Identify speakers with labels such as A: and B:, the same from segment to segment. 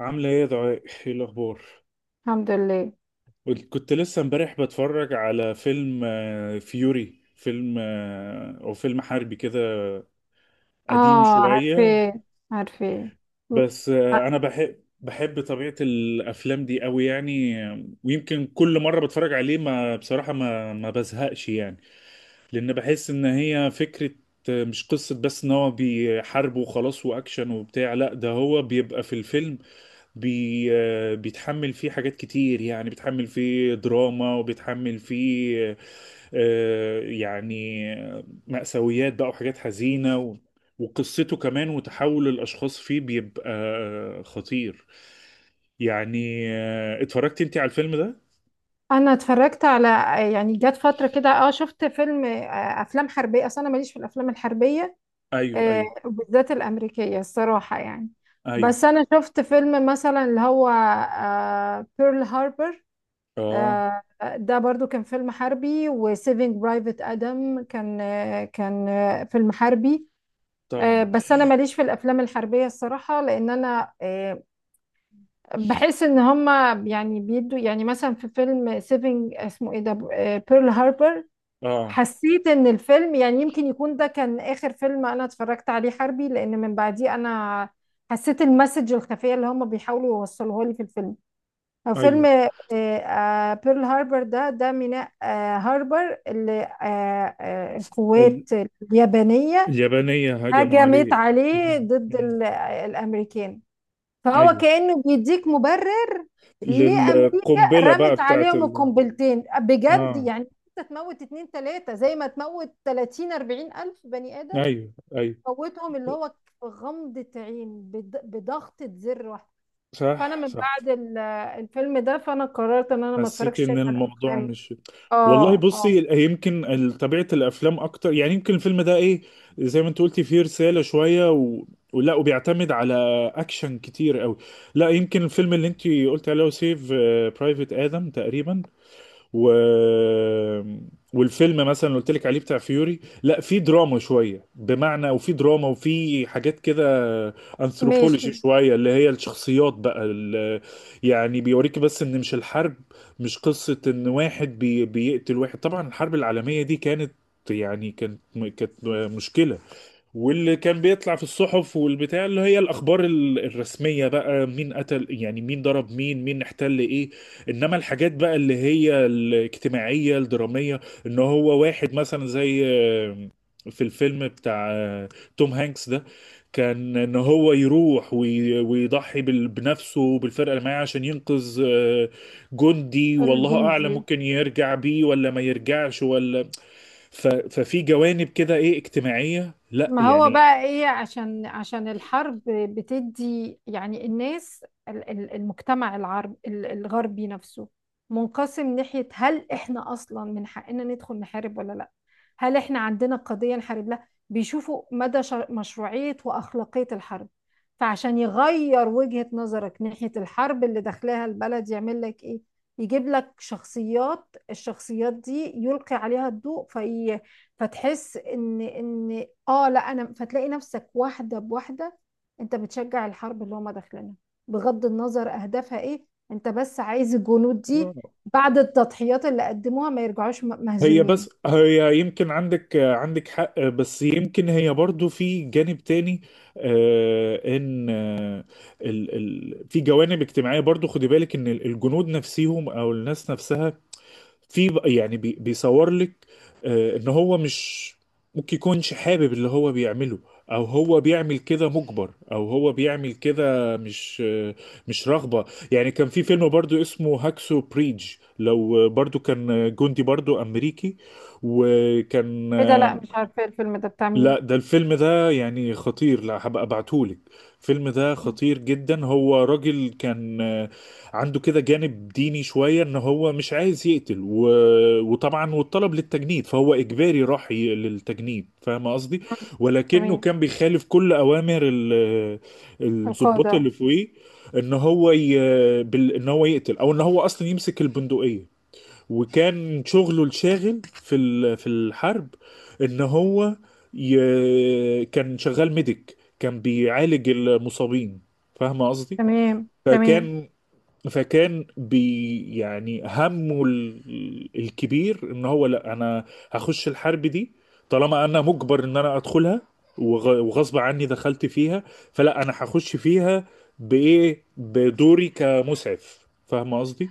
A: عاملة ايه يا دعاء؟ ايه الأخبار؟
B: الحمد لله.
A: كنت لسه امبارح بتفرج على فيلم، فيوري، فيلم أو فيلم حربي كده، قديم
B: اه
A: شوية.
B: عارفة. عارفة.
A: بس أنا بحب بحب طبيعة الأفلام دي أوي، يعني ويمكن كل مرة بتفرج عليه ما بصراحة ما بزهقش يعني. لان بحس ان هي فكرة، مش قصة بس ان هو بيحارب وخلاص واكشن وبتاع. لا، ده هو بيبقى في الفيلم بي آه، بيتحمل فيه حاجات كتير، يعني بيتحمل فيه دراما وبيتحمل فيه يعني مأساويات بقى وحاجات حزينة وقصته كمان، وتحول الأشخاص فيه بيبقى خطير يعني. اتفرجت انت على الفيلم ده؟
B: انا اتفرجت على، يعني جت فترة كده شفت فيلم، افلام حربية. اصل انا ماليش في الافلام الحربية،
A: ايوه، ايوه،
B: وبالذات الامريكية الصراحة يعني.
A: ايوه.
B: بس انا شفت فيلم مثلا اللي هو بيرل هاربر.
A: اه،
B: ده برضو كان فيلم حربي، وسيفينج برايفت ادم كان فيلم حربي.
A: طبعا.
B: بس انا ماليش في الافلام الحربيه الصراحه لان انا، بحس ان هما يعني بيدوا، يعني مثلا في فيلم سيفنج، اسمه ايه ده؟ بيرل هاربر.
A: اه،
B: حسيت ان الفيلم، يعني يمكن يكون ده كان اخر فيلم انا اتفرجت عليه حربي، لان من بعديه انا حسيت المسج الخفية اللي هما بيحاولوا يوصلوها لي في الفيلم. هو فيلم
A: ايوه.
B: بيرل هاربر ده ميناء هاربر، اللي
A: ال-
B: القوات اليابانية
A: اليابانية هجموا عليه.
B: هجمت عليه
A: مم.
B: ضد
A: مم.
B: الامريكان. فهو
A: ايوه،
B: كأنه بيديك مبرر ليه أمريكا
A: للقنبلة بقى
B: رمت
A: بتاعت
B: عليهم القنبلتين بجد
A: اه،
B: يعني. أنت تموت اتنين تلاتة زي ما تموت 30 40 ألف بني آدم.
A: ايوه، ايوه.
B: موتهم اللي هو غمضة عين، بضغطة زر واحدة. فأنا
A: صح،
B: من
A: صح.
B: بعد الفيلم ده، فأنا قررت إن أنا ما
A: حسيت
B: أتفرجش
A: ان
B: تاني على
A: الموضوع
B: الأفلام.
A: مش... والله
B: آه. آه.
A: بصي، يمكن طبيعة الافلام اكتر، يعني يمكن الفيلم ده ايه، زي ما انت قلتي فيه رسالة شوية، و... ولا، وبيعتمد على اكشن كتير قوي. لا، يمكن الفيلم اللي انت قلت عليه سيف برايفت ادم تقريبا، و... والفيلم مثلا اللي قلت لك عليه بتاع فيوري، لا في دراما شويه، بمعنى وفي دراما وفي حاجات كده
B: ماشي.
A: انثروبولوجي شويه، اللي هي الشخصيات بقى يعني بيوريك بس ان مش الحرب. مش قصه ان واحد بيقتل واحد. طبعا الحرب العالميه دي كانت، يعني كانت كانت مشكله. واللي كان بيطلع في الصحف والبتاع، اللي هي الاخبار الرسميه بقى، مين قتل، يعني مين ضرب، مين احتل ايه. انما الحاجات بقى اللي هي الاجتماعيه الدراميه، ان هو واحد مثلا زي في الفيلم بتاع توم هانكس ده، كان ان هو يروح ويضحي بنفسه وبالفرقه اللي معاه عشان ينقذ جندي، والله اعلم
B: الجندي.
A: ممكن يرجع بيه ولا ما يرجعش ولا. ففي جوانب كده ايه اجتماعيه، لا
B: ما هو
A: يعني.
B: بقى ايه؟ عشان الحرب بتدي يعني الناس، المجتمع الغربي نفسه منقسم. ناحية هل احنا اصلا من حقنا ندخل نحارب ولا لا؟ هل احنا عندنا قضية نحارب لها؟ بيشوفوا مدى مشروعية واخلاقية الحرب. فعشان يغير وجهة نظرك ناحية الحرب اللي داخلها البلد، يعمل لك ايه؟ يجيب لك شخصيات. الشخصيات دي يلقي عليها الضوء في، فتحس ان ان اه لا انا فتلاقي نفسك واحده بواحده انت بتشجع الحرب اللي هم داخلينها. بغض النظر اهدافها ايه، انت بس عايز الجنود دي بعد التضحيات اللي قدموها ما يرجعوش
A: هي
B: مهزومين.
A: بس هي يمكن عندك عندك حق، بس يمكن هي برضو في جانب تاني، ان ال في جوانب اجتماعية برضو، خدي بالك ان الجنود نفسهم او الناس نفسها في يعني بيصور لك ان هو مش ممكن يكونش حابب اللي هو بيعمله، او هو بيعمل كده مجبر، او هو بيعمل كده مش مش رغبة. يعني كان في فيلم برضو اسمه هاكسو بريدج، لو برضو كان جندي برضو امريكي، وكان
B: ايه ده؟ لا مش عارفه الفيلم ده بتاع مين.
A: لا ده الفيلم ده يعني خطير، لا هبقى ابعتهولك. الفيلم ده خطير جدا. هو راجل كان عنده كده جانب ديني شوية، ان هو مش عايز يقتل، و... وطبعا والطلب للتجنيد فهو اجباري، راح للتجنيد، فاهم قصدي؟
B: مم.
A: ولكنه
B: تمام.
A: كان بيخالف كل اوامر الضباط اللي
B: القاعده.
A: فوقيه، ان هو ي... بال... ان هو يقتل، او ان هو اصلا يمسك البندقية. وكان شغله الشاغل في في الحرب، ان هو ي... كان شغال ميديك، كان بيعالج المصابين، فاهم قصدي؟
B: تمام. تمام.
A: فكان، فكان بي يعني، همه الكبير، ان هو لا، انا هخش الحرب دي طالما انا مجبر ان انا ادخلها، وغصب عني دخلت فيها، فلا انا هخش فيها بايه، بدوري كمسعف، فاهم قصدي؟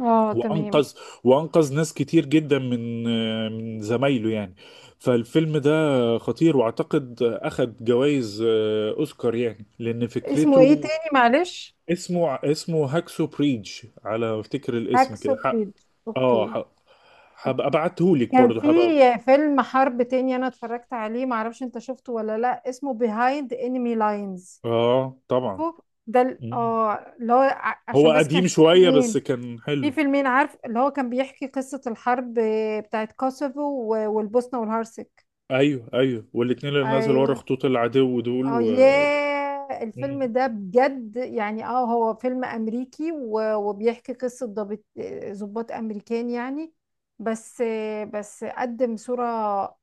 B: اه، تمام.
A: وانقذ، وانقذ ناس كتير جدا من زمايله يعني. فالفيلم ده خطير، واعتقد اخد جوائز اوسكار، يعني لان
B: اسمه ايه
A: فكرته...
B: تاني معلش؟
A: اسمه اسمه هاكسو بريدج على ما افتكر، الاسم
B: اكسو
A: كده حق.
B: بريدج.
A: اه،
B: اوكي.
A: حق. هبقى ابعتهولك
B: كان
A: برضه،
B: في
A: هبقى...
B: فيلم حرب تاني انا اتفرجت عليه، معرفش انت شفته ولا لا، اسمه Behind Enemy Lines.
A: اه طبعا.
B: شوف، ده
A: مم.
B: اللي هو،
A: هو
B: عشان بس كان
A: قديم
B: في
A: شوية بس
B: فيلمين.
A: كان
B: في
A: حلو.
B: فيلمين، عارف، اللي هو كان بيحكي قصة الحرب بتاعت كوسوفو والبوسنة والهرسك.
A: ايوه، ايوه، والاتنين اللي نزلوا ورا
B: ايوه.
A: خطوط العدو دول،
B: اه،
A: و...
B: ياه الفيلم
A: مم.
B: ده بجد يعني. اه، هو فيلم امريكي وبيحكي قصة ضابط، ضباط امريكان يعني. بس بس قدم صورة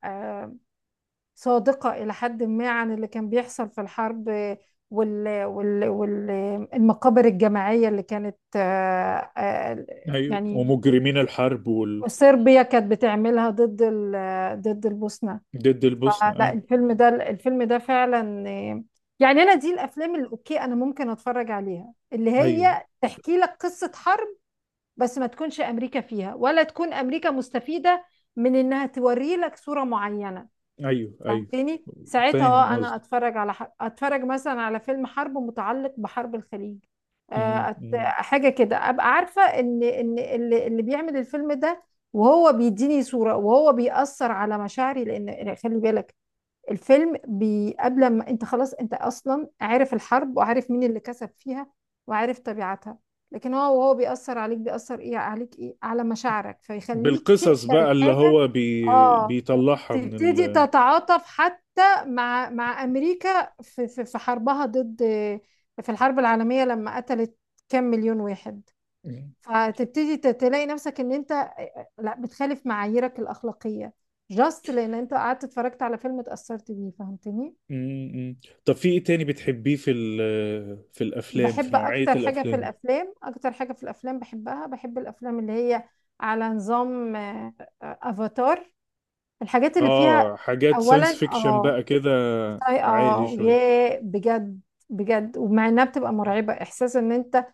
B: آه، صادقة إلى حد ما عن اللي كان بيحصل في الحرب، والمقابر الجماعية اللي كانت
A: ايوه،
B: يعني
A: ومجرمين الحرب
B: صربيا كانت بتعملها ضد ضد البوسنة.
A: ضد البوسنة،
B: فلا،
A: ايوه،
B: الفيلم ده فعلا، يعني أنا دي الأفلام اللي أوكي أنا ممكن أتفرج عليها، اللي
A: ايوه،
B: هي تحكي لك قصة حرب، بس ما تكونش أمريكا فيها، ولا تكون أمريكا مستفيدة من إنها توري لك صورة معينة.
A: ايوه، ايوه،
B: فهمتني ساعتها؟
A: فاهم
B: اه، انا
A: قصدي؟
B: اتفرج على، اتفرج مثلا على فيلم حرب متعلق بحرب الخليج،
A: م.
B: حاجه كده. ابقى عارفه ان اللي بيعمل الفيلم ده وهو بيديني صوره وهو بيأثر على مشاعري. لان خلي بالك الفيلم، قبل ما انت خلاص، انت اصلا عارف الحرب، وعارف مين اللي كسب فيها، وعارف طبيعتها. لكن هو وهو بيأثر عليك، بيأثر ايه عليك؟ ايه، على مشاعرك، فيخليك
A: بالقصص
B: تقبل
A: بقى، اللي
B: حاجه.
A: هو
B: اه،
A: بيطلعها من
B: تبتدي
A: ال...
B: تتعاطف حتى مع امريكا في حربها ضد، في الحرب العالميه، لما قتلت كام مليون واحد.
A: م-
B: فتبتدي تلاقي نفسك ان انت لا، بتخالف معاييرك الاخلاقيه جاست لان انت قعدت اتفرجت على فيلم اتاثرت بيه. فهمتني؟
A: م. طب في ايه تاني بتحبيه في ال... في الافلام، في
B: بحب
A: نوعية
B: اكتر حاجه في
A: الافلام؟
B: الافلام، اكتر حاجه في الافلام بحبها، بحب الافلام اللي هي على نظام افاتار، الحاجات اللي فيها.
A: اه، حاجات
B: اولا
A: ساينس فيكشن
B: اه.
A: بقى كده؟ عالي شوية.
B: ياه بجد، بجد. ومع انها بتبقى مرعبة احساس ان انت،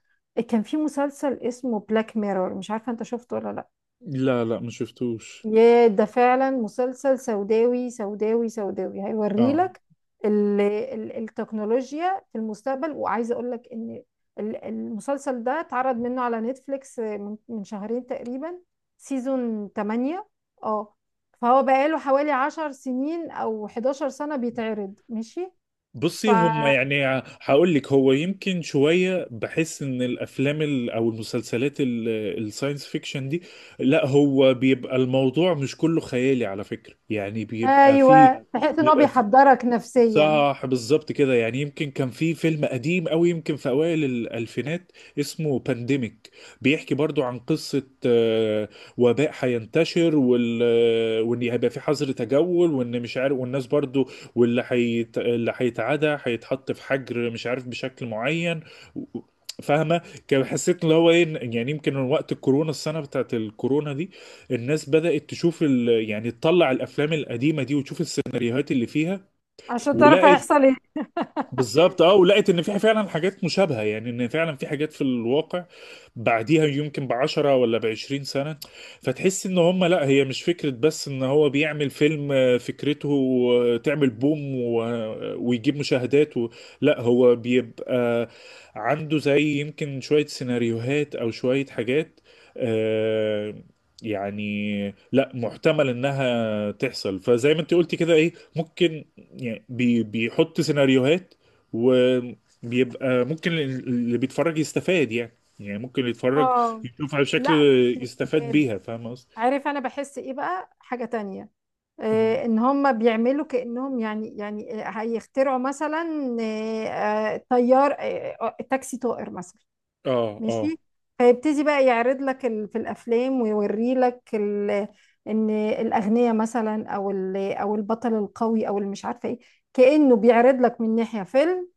B: كان في مسلسل اسمه بلاك ميرور، مش عارفة انت شفته ولا لا.
A: لا لا، ما شفتوش.
B: ياه، ده فعلا مسلسل سوداوي سوداوي سوداوي،
A: اه،
B: هيوريلك ال ال التكنولوجيا في المستقبل. وعايزة اقول لك ان المسلسل ده اتعرض منه على نتفليكس من شهرين تقريبا، سيزون 8. اه، فهو بقاله حوالي 10 سنين او 11 سنة بيتعرض. ماشي. ف،
A: بصي، هم يعني هقول لك، هو يمكن شوية بحس ان الافلام او المسلسلات الساينس فيكشن دي، لا هو بيبقى الموضوع مش كله خيالي على فكرة، يعني بيبقى فيه،
B: ايوه، بحيث ان هو
A: بيبقى
B: بيحضرك نفسيا
A: صح بالظبط كده. يعني يمكن كان في فيلم قديم أوي، يمكن في أوائل الألفينات، اسمه بانديميك، بيحكي برضو عن قصة وباء هينتشر، وال... وإن هيبقى في حظر تجول، وإن مش عارف، والناس برضو اللي هيتعدى هيتحط في حجر مش عارف بشكل معين، و- فاهمة؟ كان حسيت اللي هو ايه، يعني يمكن من وقت الكورونا، السنة بتاعت الكورونا دي، الناس بدأت تشوف ال... يعني تطلع الأفلام القديمة دي وتشوف السيناريوهات اللي فيها.
B: عشان تعرف
A: ولقت
B: هيحصل ايه.
A: بالظبط، اه، ولقيت ان في فعلا حاجات مشابهه، يعني ان فعلا في حاجات في الواقع بعديها يمكن ب10 ولا ب20 سنة. فتحس ان هم لا، هي مش فكره بس ان هو بيعمل فيلم فكرته تعمل بوم، ويجيب مشاهدات و... لا هو بيبقى عنده زي يمكن شويه سيناريوهات او شويه حاجات، آه، يعني لا، محتمل انها تحصل، فزي ما انت قلتي كده ايه ممكن، يعني بيحط سيناريوهات، وبيبقى ممكن اللي بيتفرج يستفاد، يعني ممكن اللي يتفرج
B: اه.
A: يشوفها بشكل
B: لا، مش
A: يستفاد
B: بتستفاد.
A: بيها، فاهم قصدي؟
B: عارف انا بحس ايه بقى؟ حاجة تانية.
A: مهم.
B: آه، ان هم بيعملوا كأنهم يعني هيخترعوا مثلا، طيار، تاكسي طائر مثلا،
A: اه،
B: ماشي.
A: اه.
B: فيبتدي بقى يعرض لك في الافلام، ويوري لك ان الاغنياء مثلا، او البطل القوي، او اللي مش عارفه ايه. كأنه بيعرض لك من ناحية فيلم.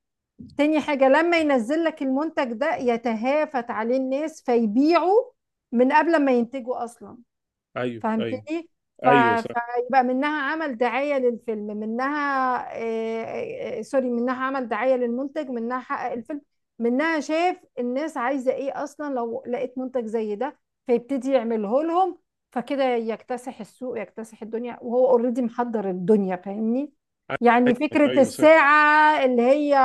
B: تاني حاجة، لما ينزل لك المنتج ده يتهافت عليه الناس، فيبيعوا من قبل ما ينتجوا أصلا.
A: ايوه، ايوه.
B: فهمتني؟
A: ايوه، صح.
B: فيبقى منها عمل دعاية للفيلم، منها سوري، منها عمل دعاية للمنتج، منها حقق الفيلم، منها شاف الناس عايزة ايه اصلا لو لقيت منتج زي ده، فيبتدي يعمله لهم. فكده يكتسح السوق، يكتسح الدنيا، وهو اوريدي محضر الدنيا. فاهمني؟ يعني فكرة
A: ايوه، صح.
B: الساعة اللي هي،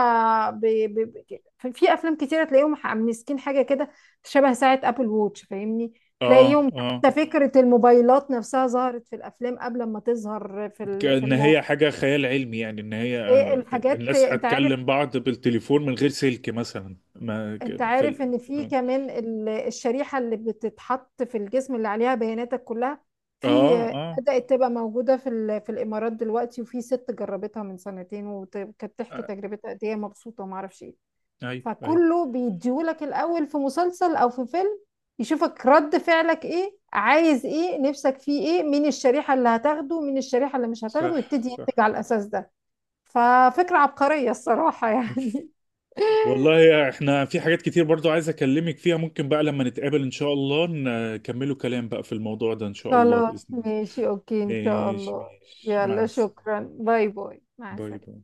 B: ب... ب... في أفلام كتيرة تلاقيهم مسكين حاجة كده شبه ساعة أبل ووتش، فاهمني.
A: اه،
B: تلاقيهم،
A: اه.
B: ده فكرة الموبايلات نفسها ظهرت في الأفلام قبل ما تظهر في في
A: كأن هي
B: الواقع.
A: حاجة خيال علمي، يعني ان هي
B: إيه الحاجات؟
A: الناس
B: أنت عارف،
A: هتكلم بعض بالتليفون من غير سلك، مثلا ما
B: أنت
A: في
B: عارف
A: ال...
B: إن في كمان الشريحة اللي بتتحط في الجسم اللي عليها بياناتك كلها، في
A: اه، اه.
B: بدأت تبقى موجودة في في الإمارات دلوقتي، وفي ست جربتها من سنتين وكانت تحكي
A: آه،
B: تجربتها قد إيه هي مبسوطة وما أعرفش إيه.
A: ايوه، ايوه.
B: فكله بيديهولك الاول في مسلسل او في فيلم، يشوفك رد فعلك ايه، عايز ايه، نفسك فيه ايه، مين الشريحة اللي هتاخده، مين الشريحة اللي مش هتاخده،
A: صح،
B: ويبتدي ينتج
A: صح.
B: على الاساس ده. ففكرة عبقرية الصراحة يعني.
A: والله احنا في حاجات كتير برضو عايز اكلمك فيها، ممكن بقى لما نتقابل ان شاء الله نكملوا كلام بقى في الموضوع ده ان شاء الله
B: خلاص
A: بإذن الله.
B: ماشي، اوكي، ان شاء
A: ماشي،
B: الله.
A: ماشي، مع
B: يلا
A: السلامة.
B: شكرا، باي باي، مع
A: باي باي.
B: السلامة.